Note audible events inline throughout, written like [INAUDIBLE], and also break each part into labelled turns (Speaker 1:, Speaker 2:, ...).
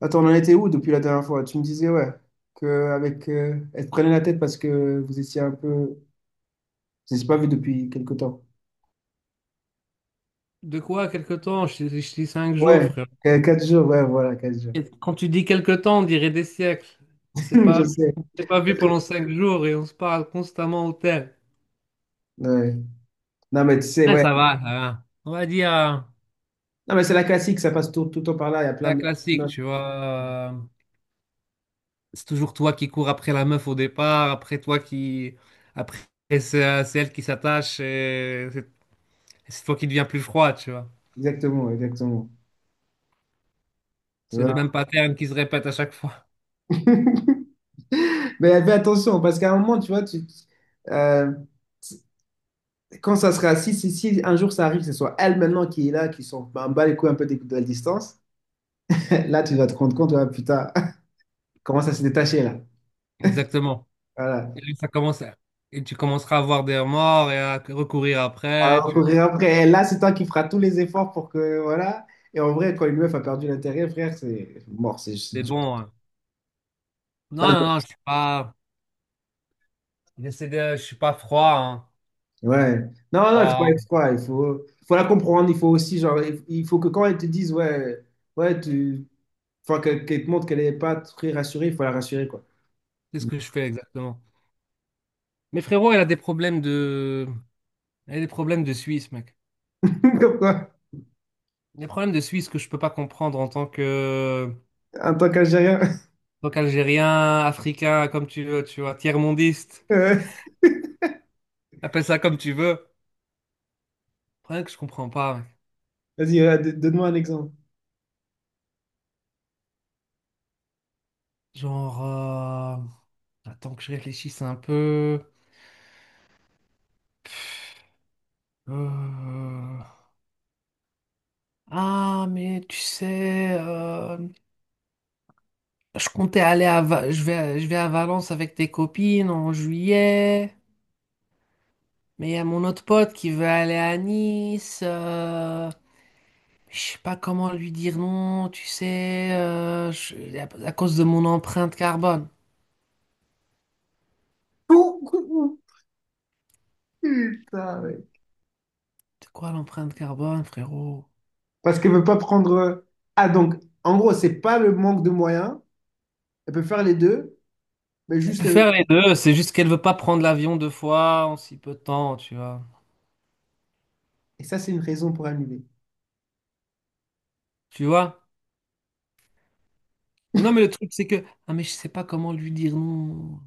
Speaker 1: Attends, on en était où depuis la dernière fois? Tu me disais, ouais, que avec, elle te prenait la tête parce que vous étiez un peu... Vous n'étiez pas vu depuis quelque temps.
Speaker 2: De quoi, quelque temps? Je dis 5 jours,
Speaker 1: Ouais,
Speaker 2: frère.
Speaker 1: quatre jours, ouais, voilà, 4 jours.
Speaker 2: Et quand tu dis quelque temps, on dirait des siècles. On s'est
Speaker 1: [LAUGHS] Je
Speaker 2: pas,
Speaker 1: sais.
Speaker 2: on s'est pas vu pendant
Speaker 1: Ok.
Speaker 2: 5 jours et on se parle constamment au tel.
Speaker 1: Ouais. Non, mais tu sais,
Speaker 2: Ouais,
Speaker 1: ouais.
Speaker 2: ça va, ça va. On va dire,
Speaker 1: Non, mais c'est la classique, ça passe tout, tout le temps par là, il y a
Speaker 2: c'est
Speaker 1: plein
Speaker 2: la
Speaker 1: de...
Speaker 2: classique, tu vois. C'est toujours toi qui cours après la meuf au départ, après toi qui, après c'est elle qui s'attache et c'est toi qui deviens plus froid, tu vois.
Speaker 1: Exactement, exactement.
Speaker 2: C'est le
Speaker 1: Voilà.
Speaker 2: même pattern qui se répète à chaque fois.
Speaker 1: [LAUGHS] Mais fais attention, parce qu'à un moment, tu vois, euh, quand ça sera, si un jour ça arrive, que ce soit elle maintenant qui est là, qui s'en bat les couilles un peu de la distance, [LAUGHS] là, tu vas te rendre compte, ouais, putain. Commence à se détacher là.
Speaker 2: [LAUGHS] Exactement.
Speaker 1: Voilà.
Speaker 2: Et lui, et tu commenceras à avoir des remords et à recourir
Speaker 1: À
Speaker 2: après.
Speaker 1: recourir
Speaker 2: Tu.
Speaker 1: après. Et là, c'est toi qui feras tous les efforts pour que. Voilà. Et en vrai, quand une meuf a perdu l'intérêt, frère, c'est mort. C'est
Speaker 2: C'est
Speaker 1: dur.
Speaker 2: bon, hein.
Speaker 1: Là,
Speaker 2: Non, non,
Speaker 1: je-
Speaker 2: non, je suis pas. J'essaie de. Je suis pas froid, hein.
Speaker 1: ouais. Non, non, il faut pas être
Speaker 2: Froid.
Speaker 1: froid. Il faut la comprendre. Il faut aussi, genre, il faut que quand elle te dise, ouais, ouais, tu. Enfin, qu'elle te montre qu'elle n'est pas très rassurée, il faut la rassurer, quoi.
Speaker 2: Qu'est-ce que je fais exactement? Mais frérot, elle a des problèmes de. Elle a des problèmes de Suisse, mec.
Speaker 1: [LAUGHS] Comme quoi,
Speaker 2: Des problèmes de Suisse que je peux pas comprendre en tant que.
Speaker 1: en tant qu'Algérien. [LAUGHS]
Speaker 2: En tant qu'Algérien, Africain, comme tu veux, tu vois, tiers-mondiste.
Speaker 1: Ouais.
Speaker 2: Appelle ça comme tu veux. Le problème que je comprends pas, mec.
Speaker 1: Vas-y, donne-moi un exemple.
Speaker 2: Genre. Attends que je réfléchisse un peu. Euh, Ah, mais tu sais, je comptais aller à Va- je vais à Valence avec tes copines en juillet, mais il y a mon autre pote qui veut aller à Nice. Je sais pas comment lui dire non, tu sais, à cause de mon empreinte carbone.
Speaker 1: [LAUGHS] Putain, ouais.
Speaker 2: C'est quoi l'empreinte carbone, frérot?
Speaker 1: Parce qu'elle veut pas prendre. Ah, donc, en gros, c'est pas le manque de moyens. Elle peut faire les deux, mais
Speaker 2: Elle peut
Speaker 1: juste.
Speaker 2: faire les deux, c'est juste qu'elle veut pas prendre l'avion deux fois en si peu de temps, tu vois.
Speaker 1: Et ça, c'est une raison pour annuler.
Speaker 2: Tu vois? Mais non, mais le truc, c'est que, ah, mais je sais pas comment lui dire non.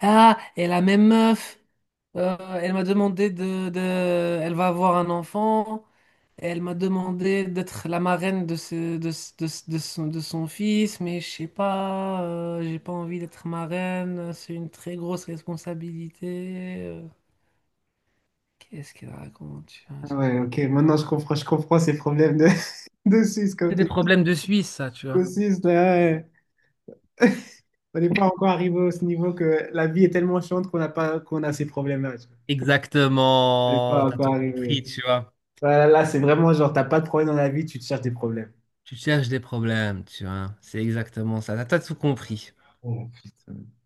Speaker 2: Ah, et la même meuf. Elle m'a demandé Elle va avoir un enfant. Et elle m'a demandé d'être la marraine de son fils, mais je sais pas, j'ai pas envie d'être marraine. C'est une très grosse responsabilité. Qu'est-ce qu'elle raconte? Tu vois,
Speaker 1: Ah ouais, ok. Maintenant, je comprends ces problèmes de, [LAUGHS] de Suisse, comme
Speaker 2: C'est des
Speaker 1: tu dis.
Speaker 2: problèmes de Suisse, ça, tu vois.
Speaker 1: Au Suisse, là, ouais, on n'est pas encore arrivé à ce niveau que la vie est tellement chiante qu'on n'a pas, qu'on a ces problèmes-là. Tu vois. On n'est pas
Speaker 2: Exactement, t'as tout
Speaker 1: encore
Speaker 2: compris,
Speaker 1: arrivé.
Speaker 2: tu vois.
Speaker 1: Là, c'est vraiment genre, t'as pas de problème dans la vie, tu te cherches des problèmes.
Speaker 2: Tu cherches des problèmes, tu vois. C'est exactement ça. T'as tout compris.
Speaker 1: Oh, putain.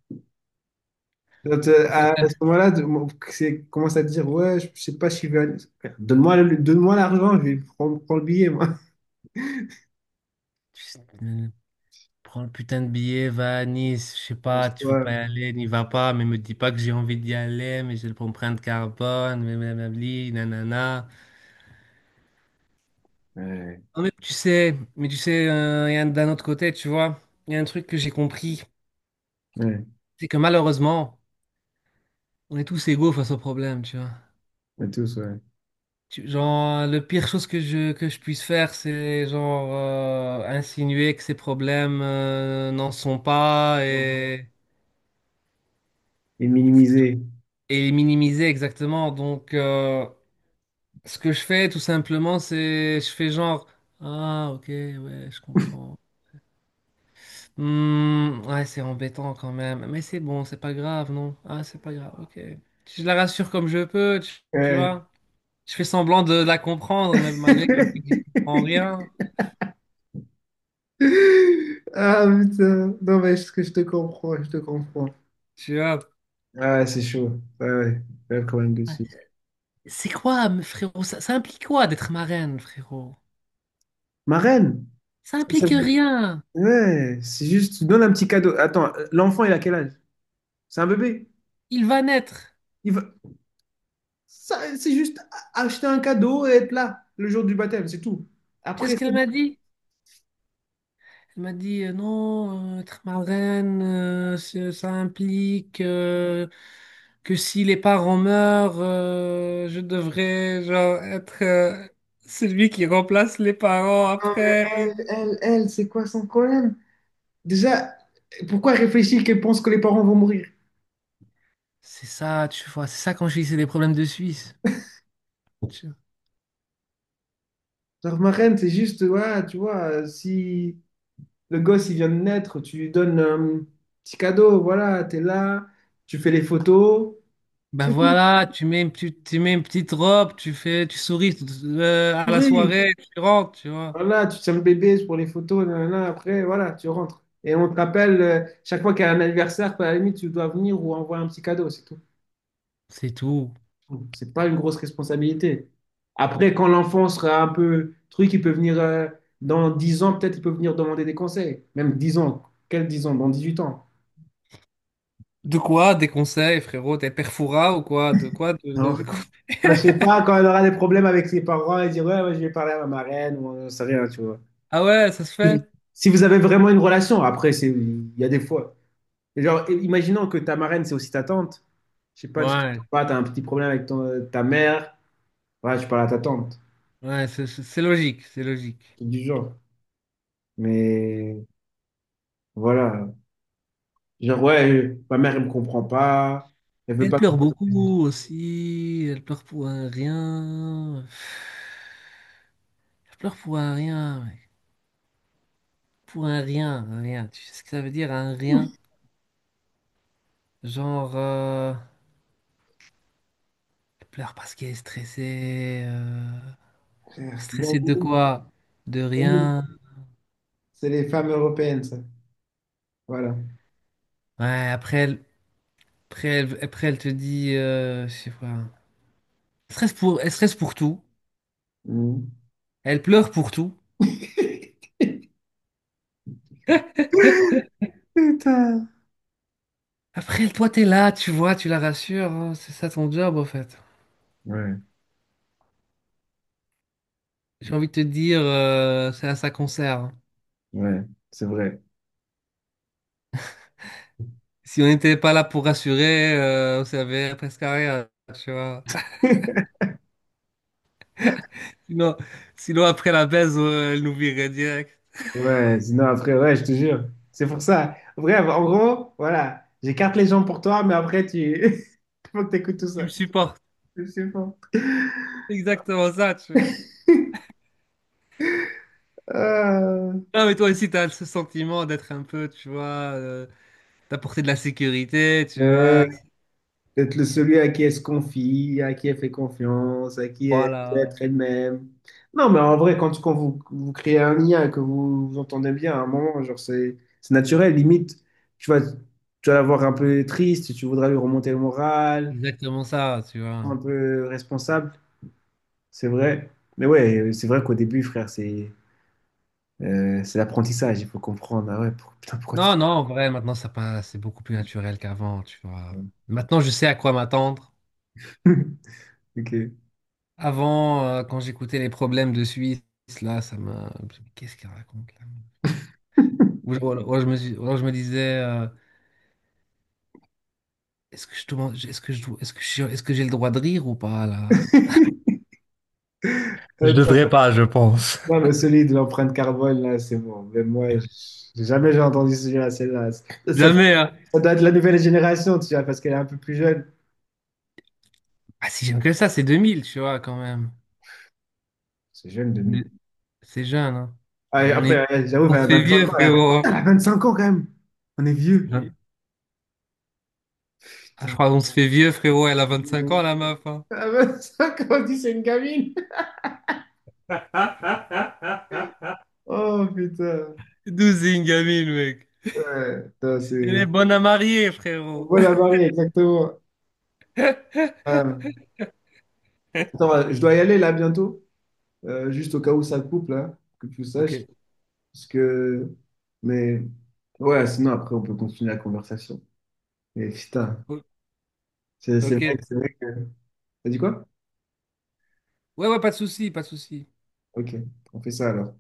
Speaker 1: Donc,
Speaker 2: En fait,
Speaker 1: à ce moment-là, commence à dire, ouais, je sais pas si je vais aller. Frère, donne-moi l'argent, je vais prendre le billet, moi. [LAUGHS]
Speaker 2: [LAUGHS] prends le putain de billet, va à Nice, je sais pas, tu veux
Speaker 1: Pense-toi.
Speaker 2: pas y aller, n'y va pas, mais me dis pas que j'ai envie d'y aller, mais j'ai le l'empreinte carbone, mais blablabli, nanana.
Speaker 1: Ouais,
Speaker 2: Non, mais tu sais, d'un autre côté, tu vois, il y a un truc que j'ai compris,
Speaker 1: ouais,
Speaker 2: c'est que malheureusement, on est tous égaux face au problème, tu vois.
Speaker 1: on tous, ouais.
Speaker 2: Genre, le pire chose que je puisse faire, c'est genre insinuer que ces problèmes n'en sont pas et,
Speaker 1: Et minimiser.
Speaker 2: et les minimiser exactement, donc. Ce que je fais, tout simplement, c'est je fais genre ah ok ouais je comprends. Hmm, ouais c'est embêtant quand même, mais c'est bon, c'est pas grave non. Ah c'est pas grave, ok. Je la rassure comme je peux, tu, tu
Speaker 1: Ouais.
Speaker 2: vois. Je fais semblant de la comprendre, même malgré que je ne
Speaker 1: [LAUGHS]
Speaker 2: comprends rien,
Speaker 1: Ah putain, non mais je te comprends, je te comprends.
Speaker 2: tu vois.
Speaker 1: Ah ouais, c'est chaud, ouais, ouais, ouais, quand même
Speaker 2: Ouais.
Speaker 1: dessus.
Speaker 2: C'est quoi, mais frérot? Ça implique quoi d'être marraine, frérot?
Speaker 1: Ma reine,
Speaker 2: Ça
Speaker 1: ça, ça
Speaker 2: implique
Speaker 1: veut-
Speaker 2: rien.
Speaker 1: ouais, c'est juste, tu donnes un petit cadeau. Attends, l'enfant il a quel âge? C'est un bébé?
Speaker 2: Il va naître.
Speaker 1: Il va- ça, c'est juste acheter un cadeau et être là le jour du baptême, c'est tout.
Speaker 2: Tu sais
Speaker 1: Après,
Speaker 2: ce
Speaker 1: c'est
Speaker 2: qu'elle
Speaker 1: bon.
Speaker 2: m'a dit? Elle m'a dit non, être marraine, ça implique que si les parents meurent, je devrais genre, être celui qui remplace les parents
Speaker 1: Non, mais
Speaker 2: après.
Speaker 1: elle, c'est quoi son problème? Déjà, pourquoi réfléchir qu'elle pense que les parents vont mourir?
Speaker 2: C'est ça, tu vois, c'est ça quand je dis c'est des problèmes de Suisse. Tu-
Speaker 1: Genre, ma reine, c'est juste, ouais, tu vois, si le gosse, il vient de naître, tu lui donnes un petit cadeau, voilà, t'es là, tu fais les photos,
Speaker 2: Ben
Speaker 1: c'est tout.
Speaker 2: voilà, tu mets une petite robe, tu fais, tu souris à la
Speaker 1: Oui.
Speaker 2: soirée, tu rentres, tu vois.
Speaker 1: Voilà, tu tiens le bébé pour les photos, nanana, après, voilà, tu rentres. Et on te rappelle, chaque fois qu'il y a un anniversaire, à la limite, tu dois venir ou envoyer un petit cadeau, c'est tout.
Speaker 2: C'est tout.
Speaker 1: C'est pas une grosse responsabilité. Après, quand l'enfant sera un peu truc, il peut venir dans 10 ans, peut-être il peut venir demander des conseils. Même 10 ans. Quel 10 ans? Dans 18 ans.
Speaker 2: De quoi? Des conseils, frérot? T'es perfora ou quoi? De quoi?
Speaker 1: Alors,
Speaker 2: De quoi
Speaker 1: je
Speaker 2: [LAUGHS]
Speaker 1: sais pas, quand elle aura des problèmes avec ses parents, elle dit ouais, ouais, je vais parler à ma marraine, ou on sait rien, tu vois.
Speaker 2: Ah ouais, ça se fait?
Speaker 1: Et si vous avez vraiment une relation, après, c'est, il y a des fois. Et genre, et imaginons que ta marraine, c'est aussi ta tante. Je sais pas, tu
Speaker 2: Ouais,
Speaker 1: as un petit problème avec ta mère. Ouais, je parle à ta tante.
Speaker 2: ouais, c'est logique, c'est logique.
Speaker 1: Truc du genre. Mais voilà. Genre, ouais, ma mère, elle me comprend pas. Elle veut
Speaker 2: Elle
Speaker 1: pas que
Speaker 2: pleure
Speaker 1: je...
Speaker 2: beaucoup aussi, elle pleure pour un rien. Elle pleure pour un rien, mec. Pour un rien, un rien. Tu sais ce que ça veut dire, un rien? Genre, elle pleure parce qu'elle est stressée.
Speaker 1: Frère, bon,
Speaker 2: Stressée de
Speaker 1: oui,
Speaker 2: quoi? De
Speaker 1: oui.
Speaker 2: rien.
Speaker 1: C'est les femmes européennes, ça. Voilà.
Speaker 2: Ouais, après elle te dit, je sais pas. Elle stresse pour tout.
Speaker 1: Mhm.
Speaker 2: Elle pleure pour tout.
Speaker 1: Putain.
Speaker 2: Après, toi, t'es là, tu vois, tu la rassures, hein, c'est ça ton job, en fait.
Speaker 1: Ouais,
Speaker 2: J'ai envie de te dire, c'est à ça qu'on sert, hein.
Speaker 1: ouais, c'est vrai.
Speaker 2: Si on n'était pas là pour rassurer, on servait presque à rien, tu vois. [LAUGHS]
Speaker 1: [LAUGHS]
Speaker 2: Sinon, sinon après la baise, elle nous virait direct.
Speaker 1: Ouais, sinon après, ouais, je te jure. C'est pour ça. Bref, en gros, voilà. J'écarte les gens pour toi, mais après, tu... [LAUGHS] Faut que t'écoutes tout
Speaker 2: Tu
Speaker 1: ça.
Speaker 2: me supportes.
Speaker 1: Je sais pas.
Speaker 2: Exactement ça, tu vois.
Speaker 1: Ah.
Speaker 2: Non, mais toi aussi, t'as ce sentiment d'être un peu, tu vois, euh, d'apporter de la sécurité, tu vois.
Speaker 1: Euh, D'être celui à qui elle se confie, à qui elle fait confiance, à qui elle peut
Speaker 2: Voilà.
Speaker 1: être elle-même. Non, mais en vrai, quand vous, vous créez un lien, que vous vous entendez bien à un moment, genre c'est naturel. Limite, tu vas la voir un peu triste, tu voudras lui remonter le moral,
Speaker 2: Exactement ça, tu
Speaker 1: un
Speaker 2: vois.
Speaker 1: peu responsable. C'est vrai. Mais ouais, c'est vrai qu'au début, frère, c'est l'apprentissage. Il faut comprendre. Ah ouais, putain, pourquoi tu...
Speaker 2: Non, non, en vrai, maintenant, ça passe, c'est beaucoup plus naturel qu'avant, tu vois. Maintenant, je sais à quoi m'attendre.
Speaker 1: [LAUGHS] Ok.
Speaker 2: Avant, quand j'écoutais les problèmes de Suisse, là, ça m'a. Qu'est-ce qu'il raconte, là? Ou alors, je me disais, est-ce que j'ai le droit de rire ou pas, là?
Speaker 1: [LAUGHS]
Speaker 2: Je devrais pas, je pense.
Speaker 1: Non, mais celui de l'empreinte carbone, là, c'est bon. Mais j'ai jamais j'ai entendu celle-là.
Speaker 2: Jamais, hein.
Speaker 1: Ça doit être la nouvelle génération, tu vois, parce qu'elle est un peu plus jeune.
Speaker 2: Ah, si j'aime que ça, c'est 2000, tu vois, quand même.
Speaker 1: C'est jeune, 2000.
Speaker 2: De- C'est jeune, hein.
Speaker 1: Ah, et
Speaker 2: On est.
Speaker 1: après, ouais, j'avoue,
Speaker 2: On
Speaker 1: elle
Speaker 2: se
Speaker 1: a
Speaker 2: fait
Speaker 1: 25
Speaker 2: vieux,
Speaker 1: ans.
Speaker 2: frérot,
Speaker 1: Elle a 25 ans, quand même. On est vieux.
Speaker 2: hein. Ah, je
Speaker 1: Putain,
Speaker 2: crois qu'on se fait vieux, frérot. Elle a
Speaker 1: on est vieux de
Speaker 2: 25 ans,
Speaker 1: ouf.
Speaker 2: la meuf, hein.
Speaker 1: Elle a 25 ans, on dit c'est une gamine.
Speaker 2: [LAUGHS]
Speaker 1: Oh, putain.
Speaker 2: 12 Ingamil, mec.
Speaker 1: Ouais, putain, c'est...
Speaker 2: Elle est bonne à marier, frérot.
Speaker 1: Voilà, Marie, exactement. Ouais.
Speaker 2: [LAUGHS]
Speaker 1: Attends, je dois y aller, là, bientôt. Juste au cas où ça coupe, là, que tu
Speaker 2: Ok.
Speaker 1: saches. Parce que, mais ouais, sinon après on peut continuer la conversation. Mais putain,
Speaker 2: O-
Speaker 1: c'est
Speaker 2: Ok.
Speaker 1: vrai, c'est vrai que. T'as dit quoi?
Speaker 2: Ouais, ouais, pas de souci, pas de souci.
Speaker 1: Ok, on fait ça alors.